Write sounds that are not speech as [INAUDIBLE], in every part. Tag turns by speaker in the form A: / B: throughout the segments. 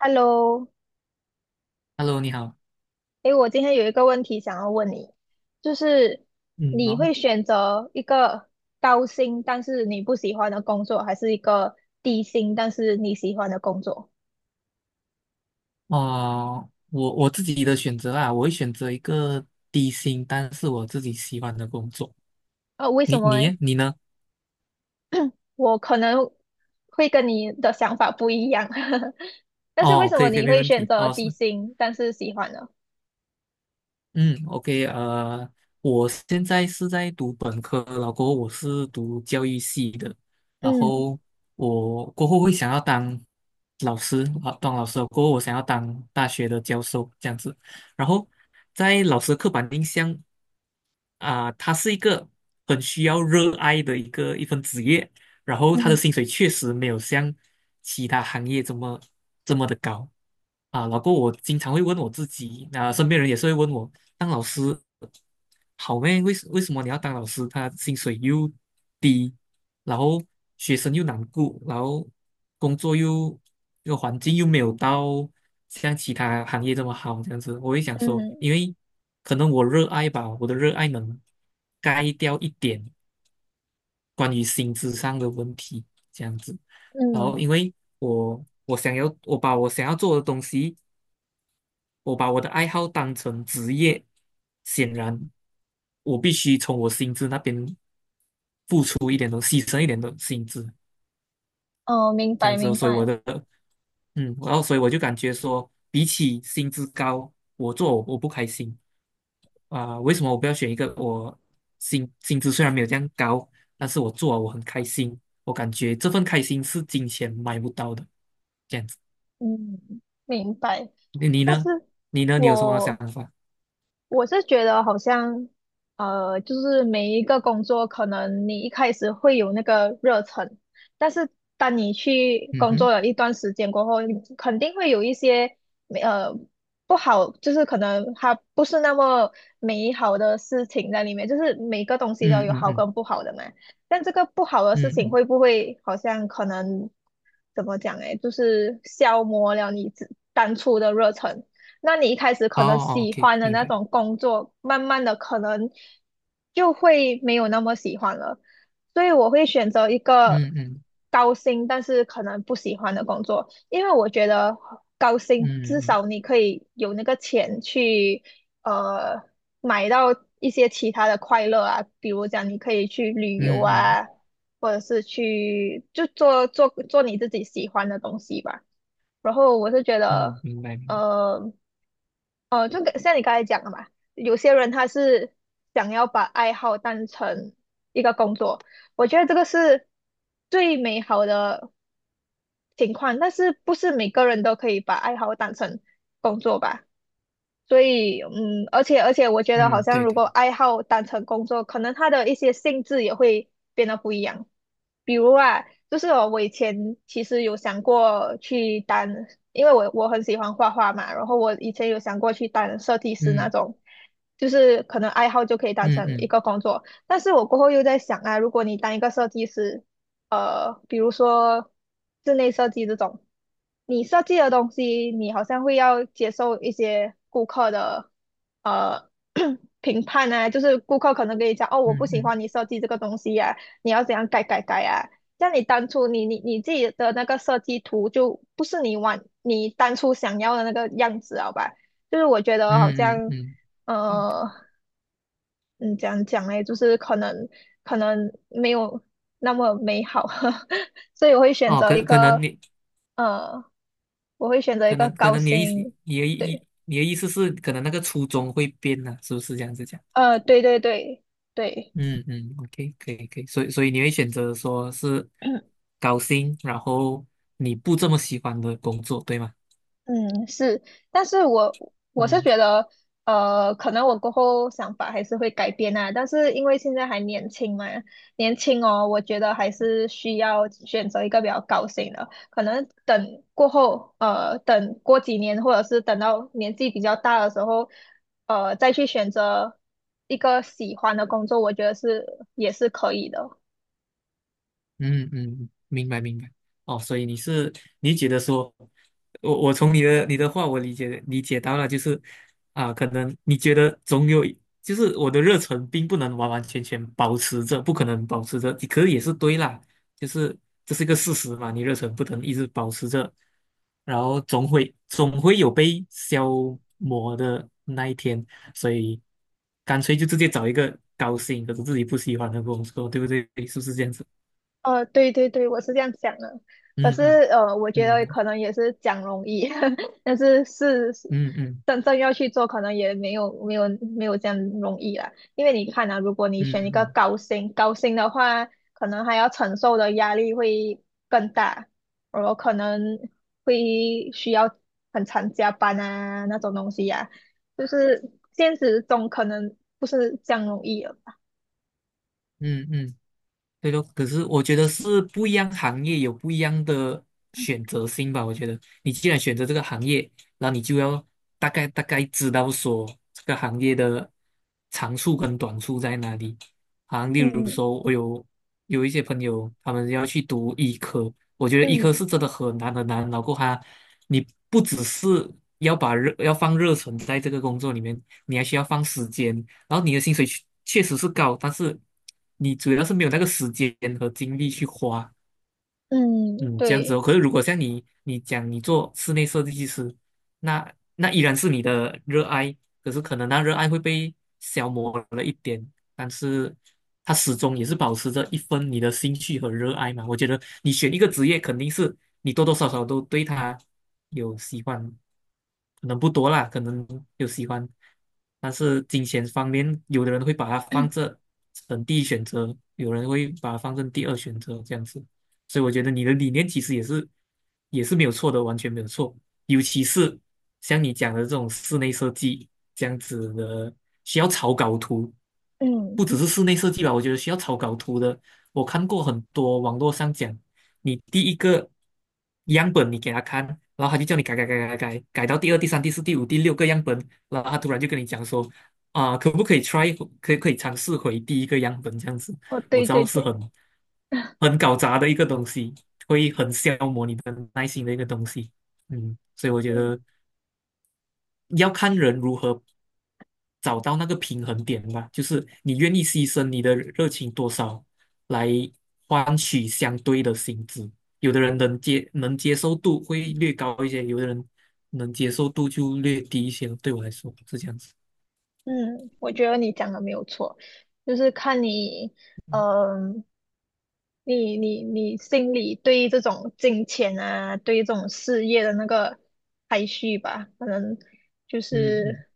A: Hello，
B: Hello，你好。
A: 诶，我今天有一个问题想要问你，就是
B: 嗯，
A: 你
B: 好，
A: 会选择一个高薪但是你不喜欢的工作，还是一个低薪但是你喜欢的工作？
B: 哦，我自己的选择啊，我会选择一个低薪，但是我自己喜欢的工作。
A: 为什
B: 你
A: 么
B: 你
A: 诶？
B: 耶你呢？
A: 我可能会跟你的想法不一样，[LAUGHS] 但是为
B: 哦，
A: 什
B: 可
A: 么
B: 以可以，
A: 你
B: 没
A: 会
B: 问
A: 选
B: 题。
A: 择
B: 哦，
A: 低
B: 是，
A: 薪但是喜欢呢？
B: 嗯，OK，我现在是在读本科，然后过后我是读教育系的，然
A: 嗯
B: 后我过后会想要当老师啊，当老师过后我想要当大学的教授这样子，然后在老师的刻板印象。啊、他是一个很需要热爱的一份职业，然后他的
A: 嗯
B: 薪水确实没有像其他行业这么的高啊。老郭，我经常会问我自己，啊、身边人也是会问我，当老师好咩？为什么你要当老师？他薪水又低，然后学生又难顾，然后工作又这个环境又没有到像其他行业这么好，这样子，我会想说，
A: 嗯
B: 因为。可能我热爱吧，我的热爱能盖掉一点关于薪资上的问题，这样子。然后，
A: 嗯，
B: 因为我把我想要做的东西，我把我的爱好当成职业，显然我必须从我薪资那边出一点东西，牺牲一点的薪资，
A: 哦，明
B: 这
A: 白
B: 样子哦
A: 明
B: 所以我
A: 白，
B: 的，嗯，然后所以我就感觉说，比起薪资高，我做我不开心。啊、为什么我不要选一个我薪资虽然没有这样高，但是我做了我很开心，我感觉这份开心是金钱买不到的。这样子，
A: 嗯，明白。
B: 你
A: 但是
B: 呢？你呢？你有什么想
A: 我
B: 法？
A: 我是觉得好像，就是每一个工作，可能你一开始会有那个热忱，但是当你去
B: 嗯
A: 工作
B: 哼，
A: 了一段时间过后，你肯定会有一些，呃，不好，就是可能它不是那么美好的事情在里面，就是每个东西都
B: 嗯
A: 有
B: 嗯
A: 好
B: 嗯
A: 跟不好的嘛。但这个不好的事
B: 嗯
A: 情
B: 嗯，
A: 会不会好像可能怎么讲诶，就是消磨了你自当初的热忱？那你一开始可
B: 哦
A: 能
B: 哦
A: 喜
B: ，OK，
A: 欢的
B: 明
A: 那
B: 白。
A: 种工作，慢慢的可能就会没有那么喜欢了。所以我会选择一个
B: 嗯嗯
A: 高薪，但是可能不喜欢的工作，因为我觉得高薪
B: 嗯
A: 至
B: 嗯
A: 少你可以有那个钱去呃买到一些其他的快乐啊，比如讲你可以去旅游
B: 嗯嗯
A: 啊，或者是去就做你自己喜欢的东西吧。然后我是觉
B: 嗯，
A: 得。
B: 明白明白。
A: 呃，哦，就跟像你刚才讲的嘛，有些人他是想要把爱好当成一个工作，我觉得这个是最美好的情况，但是不是每个人都可以把爱好当成工作吧？所以，嗯，而且，我觉得好
B: 嗯，
A: 像
B: 对
A: 如
B: 的。
A: 果爱好当成工作，可能它的一些性质也会变得不一样。比如啊，就是哦我以前其实有想过去当，因为我很喜欢画画嘛，然后我以前有想过去当设计师那
B: 嗯
A: 种，就是可能爱好就可以当
B: 嗯
A: 成一
B: 嗯
A: 个工作。但是我过后又在想啊，如果你当一个设计师，比如说室内设计这种，你设计的东西，你好像会要接受一些顾客的呃 [COUGHS] [CLEARS THROAT] 评判呢，就是顾客可能跟你讲，哦，我不
B: 嗯
A: 喜
B: 嗯
A: 欢你设计这个东西呀、你要怎样改改改啊。像你当初你自己的那个设计图就不是你当初想要的那个样子，好吧？就是我觉得好
B: 嗯嗯
A: 像，
B: 嗯，对的。
A: 呃，嗯，怎样讲嘞？就是可能没有那么美好，[LAUGHS] 所以我会选
B: 哦，
A: 择一个呃，我会选择一
B: 可
A: 个
B: 能可
A: 高
B: 能你的意思，
A: 薪，
B: 你的意
A: 对，
B: 你的意思是可能那个初衷会变呢、是不是这样子讲？
A: 对对对对，
B: 嗯嗯，OK，可以可以，所以你会选择说是
A: [CLEARS THROAT]
B: 高薪，然后你不这么喜欢的工作，对吗？
A: 嗯，是，但是我是
B: 嗯。
A: 觉得，可能我过后想法还是会改变啊，但是因为现在还年轻嘛，年轻哦，我觉得还是需要选择一个比较高薪的，可能等过后，等过几年，或者是等到年纪比较大的时候，再去选择一个喜欢的工作，我觉得是也是可以的。
B: 嗯嗯，明白明白。哦，所以你是你觉得说，我从你的话我理解到了，就是啊，可能你觉得总有一就是我的热忱并不能完完全全保持着，不可能保持着，可是也是对啦，就是这是一个事实嘛，你热忱不能一直保持着，然后总会有被消磨的那一天，所以干脆就直接找一个高薪可是自己不喜欢的工作，对不对？是不是这样子？
A: 对对对，我是这样想的。可
B: 嗯
A: 是
B: 嗯。
A: 呃，我觉得
B: 嗯
A: 可能也是讲容易，[LAUGHS] 但是是
B: 嗯嗯
A: 真正要去做，可能也没有这样容易啦。因为你看啊，如果你
B: 嗯
A: 选一个
B: 嗯
A: 高薪的话，可能还要承受的压力会更大，我可能会需要很常加班啊那种东西呀、就是现实中可能不是这样容易了。
B: 嗯，嗯，对说，可是我觉得是不一样行业有不一样的选择性吧。我觉得你既然选择这个行业，然后你就要大概知道说这个行业的长处跟短处在哪里。啊，例如
A: 嗯
B: 说，有一些朋友他们要去读医科，我觉得医科
A: 嗯
B: 是真的很难。然后他，你不只是要把热要放热忱在这个工作里面，你还需要放时间，然后你的薪水确确实是高，但是你主要是没有那个时间和精力去花，
A: 嗯，
B: 嗯，这样子哦。
A: 对，
B: 可是如果像你，你讲你做室内设计师，那依然是你的热爱，可是可能那热爱会被消磨了一点，但是它始终也是保持着一份你的兴趣和热爱嘛。我觉得你选一个职业，肯定是你多多少少都对它有喜欢，可能不多啦，可能有喜欢，但是金钱方面，有的人会把它放这成第一选择，有人会把它放成第二选择，这样子。所以我觉得你的理念其实也是没有错的，完全没有错。尤其是像你讲的这种室内设计这样子的，需要草稿图，
A: 嗯。
B: 不只是室内设计吧，我觉得需要草稿图的，我看过很多网络上讲，你第一个样本你给他看，然后他就叫你改改改改改，改到第二、第三、第四、第五、第六个样本，然后他突然就跟你讲说。啊，可不可以 try 回可以可以尝试回第一个样本这样子？
A: 哦，
B: 我
A: 对
B: 知
A: 对
B: 道是
A: 对，
B: 很搞砸的一个东西，会很消磨你的耐心的一个东西。嗯，所以我觉
A: 嗯
B: 得要看人如何找到那个平衡点吧，就是你愿意牺牲你的热情多少来换取相对的薪资。有的人能接受度会略高一些，有的人能接受度就略低一些。对我来说是这样子。
A: 嗯，我觉得你讲的没有错，就是看你，嗯、你心里对于这种金钱啊，对于这种事业的那个排序吧，可能就
B: 嗯嗯
A: 是，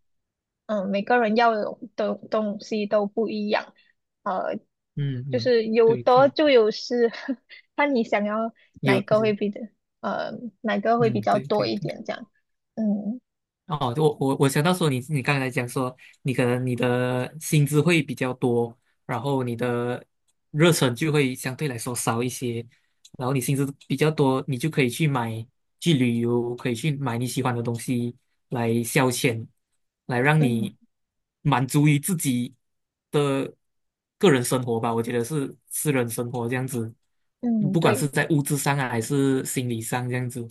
A: 嗯、每个人要的东西都不一样，呃，
B: 嗯
A: 就
B: 嗯，
A: 是有
B: 对
A: 得
B: 对，
A: 就有失，[LAUGHS] 看你想要哪
B: 有
A: 个会
B: 对
A: 比的，呃，哪个会比
B: 嗯
A: 较
B: 对
A: 多
B: 对
A: 一
B: 对。
A: 点这样，嗯
B: 哦，我想到说你刚才讲说你可能你的薪资会比较多，然后你的热忱就会相对来说少一些，然后你薪资比较多，你就可以去买去旅游，可以去买你喜欢的东西来消遣，来让
A: 嗯
B: 你满足于自己的个人生活吧。我觉得是私人生活这样子，
A: 嗯，
B: 不管是
A: 对。
B: 在物质上啊还是心理上这样子。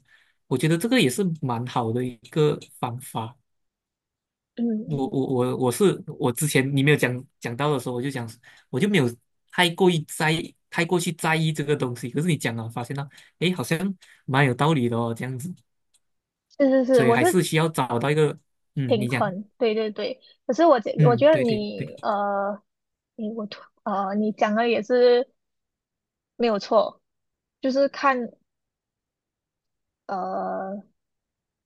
B: 我觉得这个也是蛮好的一个方法。
A: 嗯，
B: 我之前你没有讲到的时候，我就讲我就没有太过去在意这个东西。可是你讲了，发现到诶，好像蛮有道理的哦，这样子。
A: 是是是，
B: 所以
A: 我
B: 还
A: 是
B: 是需要找到一个嗯，
A: 平
B: 你讲
A: 衡，对对对。可是我觉我
B: 嗯，
A: 觉得
B: 对对对，
A: 你呃，你我突呃，你讲的也是没有错，就是看呃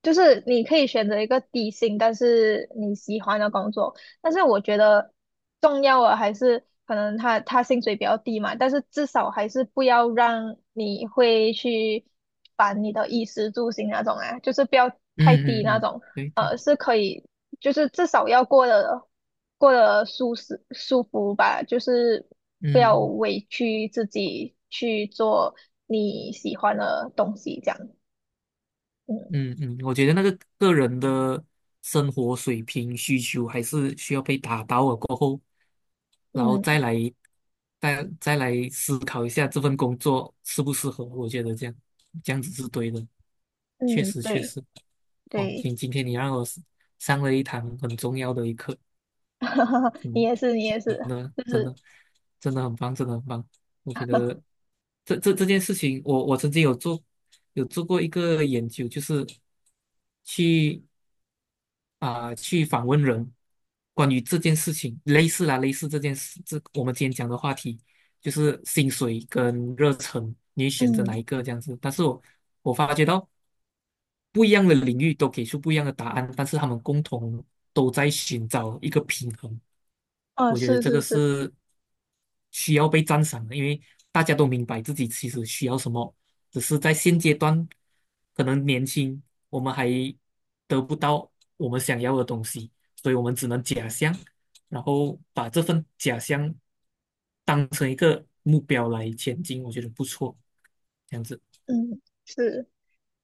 A: 就是你可以选择一个低薪，但是你喜欢的工作。但是我觉得重要的还是可能他薪水比较低嘛，但是至少还是不要让你会去烦你的衣食住行那种啊，就是不要太
B: 嗯
A: 低
B: 嗯
A: 那
B: 嗯，
A: 种，
B: 对对，
A: 是可以，就是至少要过得舒适舒服吧，就是不要
B: 嗯。
A: 委屈自己去做你喜欢的东西，这样。嗯
B: 嗯嗯，我觉得那个个人的生活水平需求还是需要被达到了过后，然后
A: 嗯
B: 再来思考一下这份工作适不适合。我觉得这样子是对的，确
A: 嗯，
B: 实确
A: 对。
B: 实。哦，
A: 对，
B: 今天你让我上了一堂很重要的一课。
A: [LAUGHS] 你
B: 嗯。
A: 也是，你也是，
B: 真的，
A: 就
B: 真的，
A: 是，
B: 真的很棒，真的很棒。我觉得
A: [LAUGHS]
B: 这件事情，我曾经有做做过一个研究，就是去啊、去访问人关于这件事情，类似啦，类似这件事，这我们今天讲的话题就是薪水跟热忱，你会选择哪
A: 嗯，
B: 一个这样子？但是我发觉到不一样的领域都给出不一样的答案，但是他们共同都在寻找一个平衡。
A: 哦，
B: 我觉得
A: 是
B: 这个
A: 是是，
B: 是需要被赞赏的，因为大家都明白自己其实需要什么，只是在现阶段可能年轻，我们还得不到我们想要的东西，所以我们只能假象，然后把这份假象当成一个目标来前进，我觉得不错，这样子。
A: 嗯，是。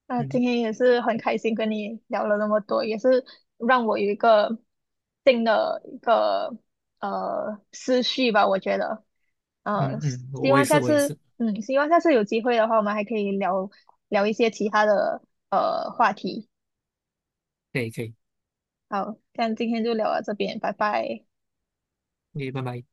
A: 那今
B: 嗯
A: 天也是很开心跟你聊了那么多，也是让我有一个新的一个思绪吧，我觉得，呃，
B: 嗯嗯，
A: 希
B: 我也
A: 望
B: 是，
A: 下
B: 我也
A: 次，
B: 是，
A: 嗯，希望下次有机会的话，我们还可以聊聊一些其他的话题。
B: 可以可以，
A: 好，那今天就聊到这边，拜拜。
B: 可以，拜拜。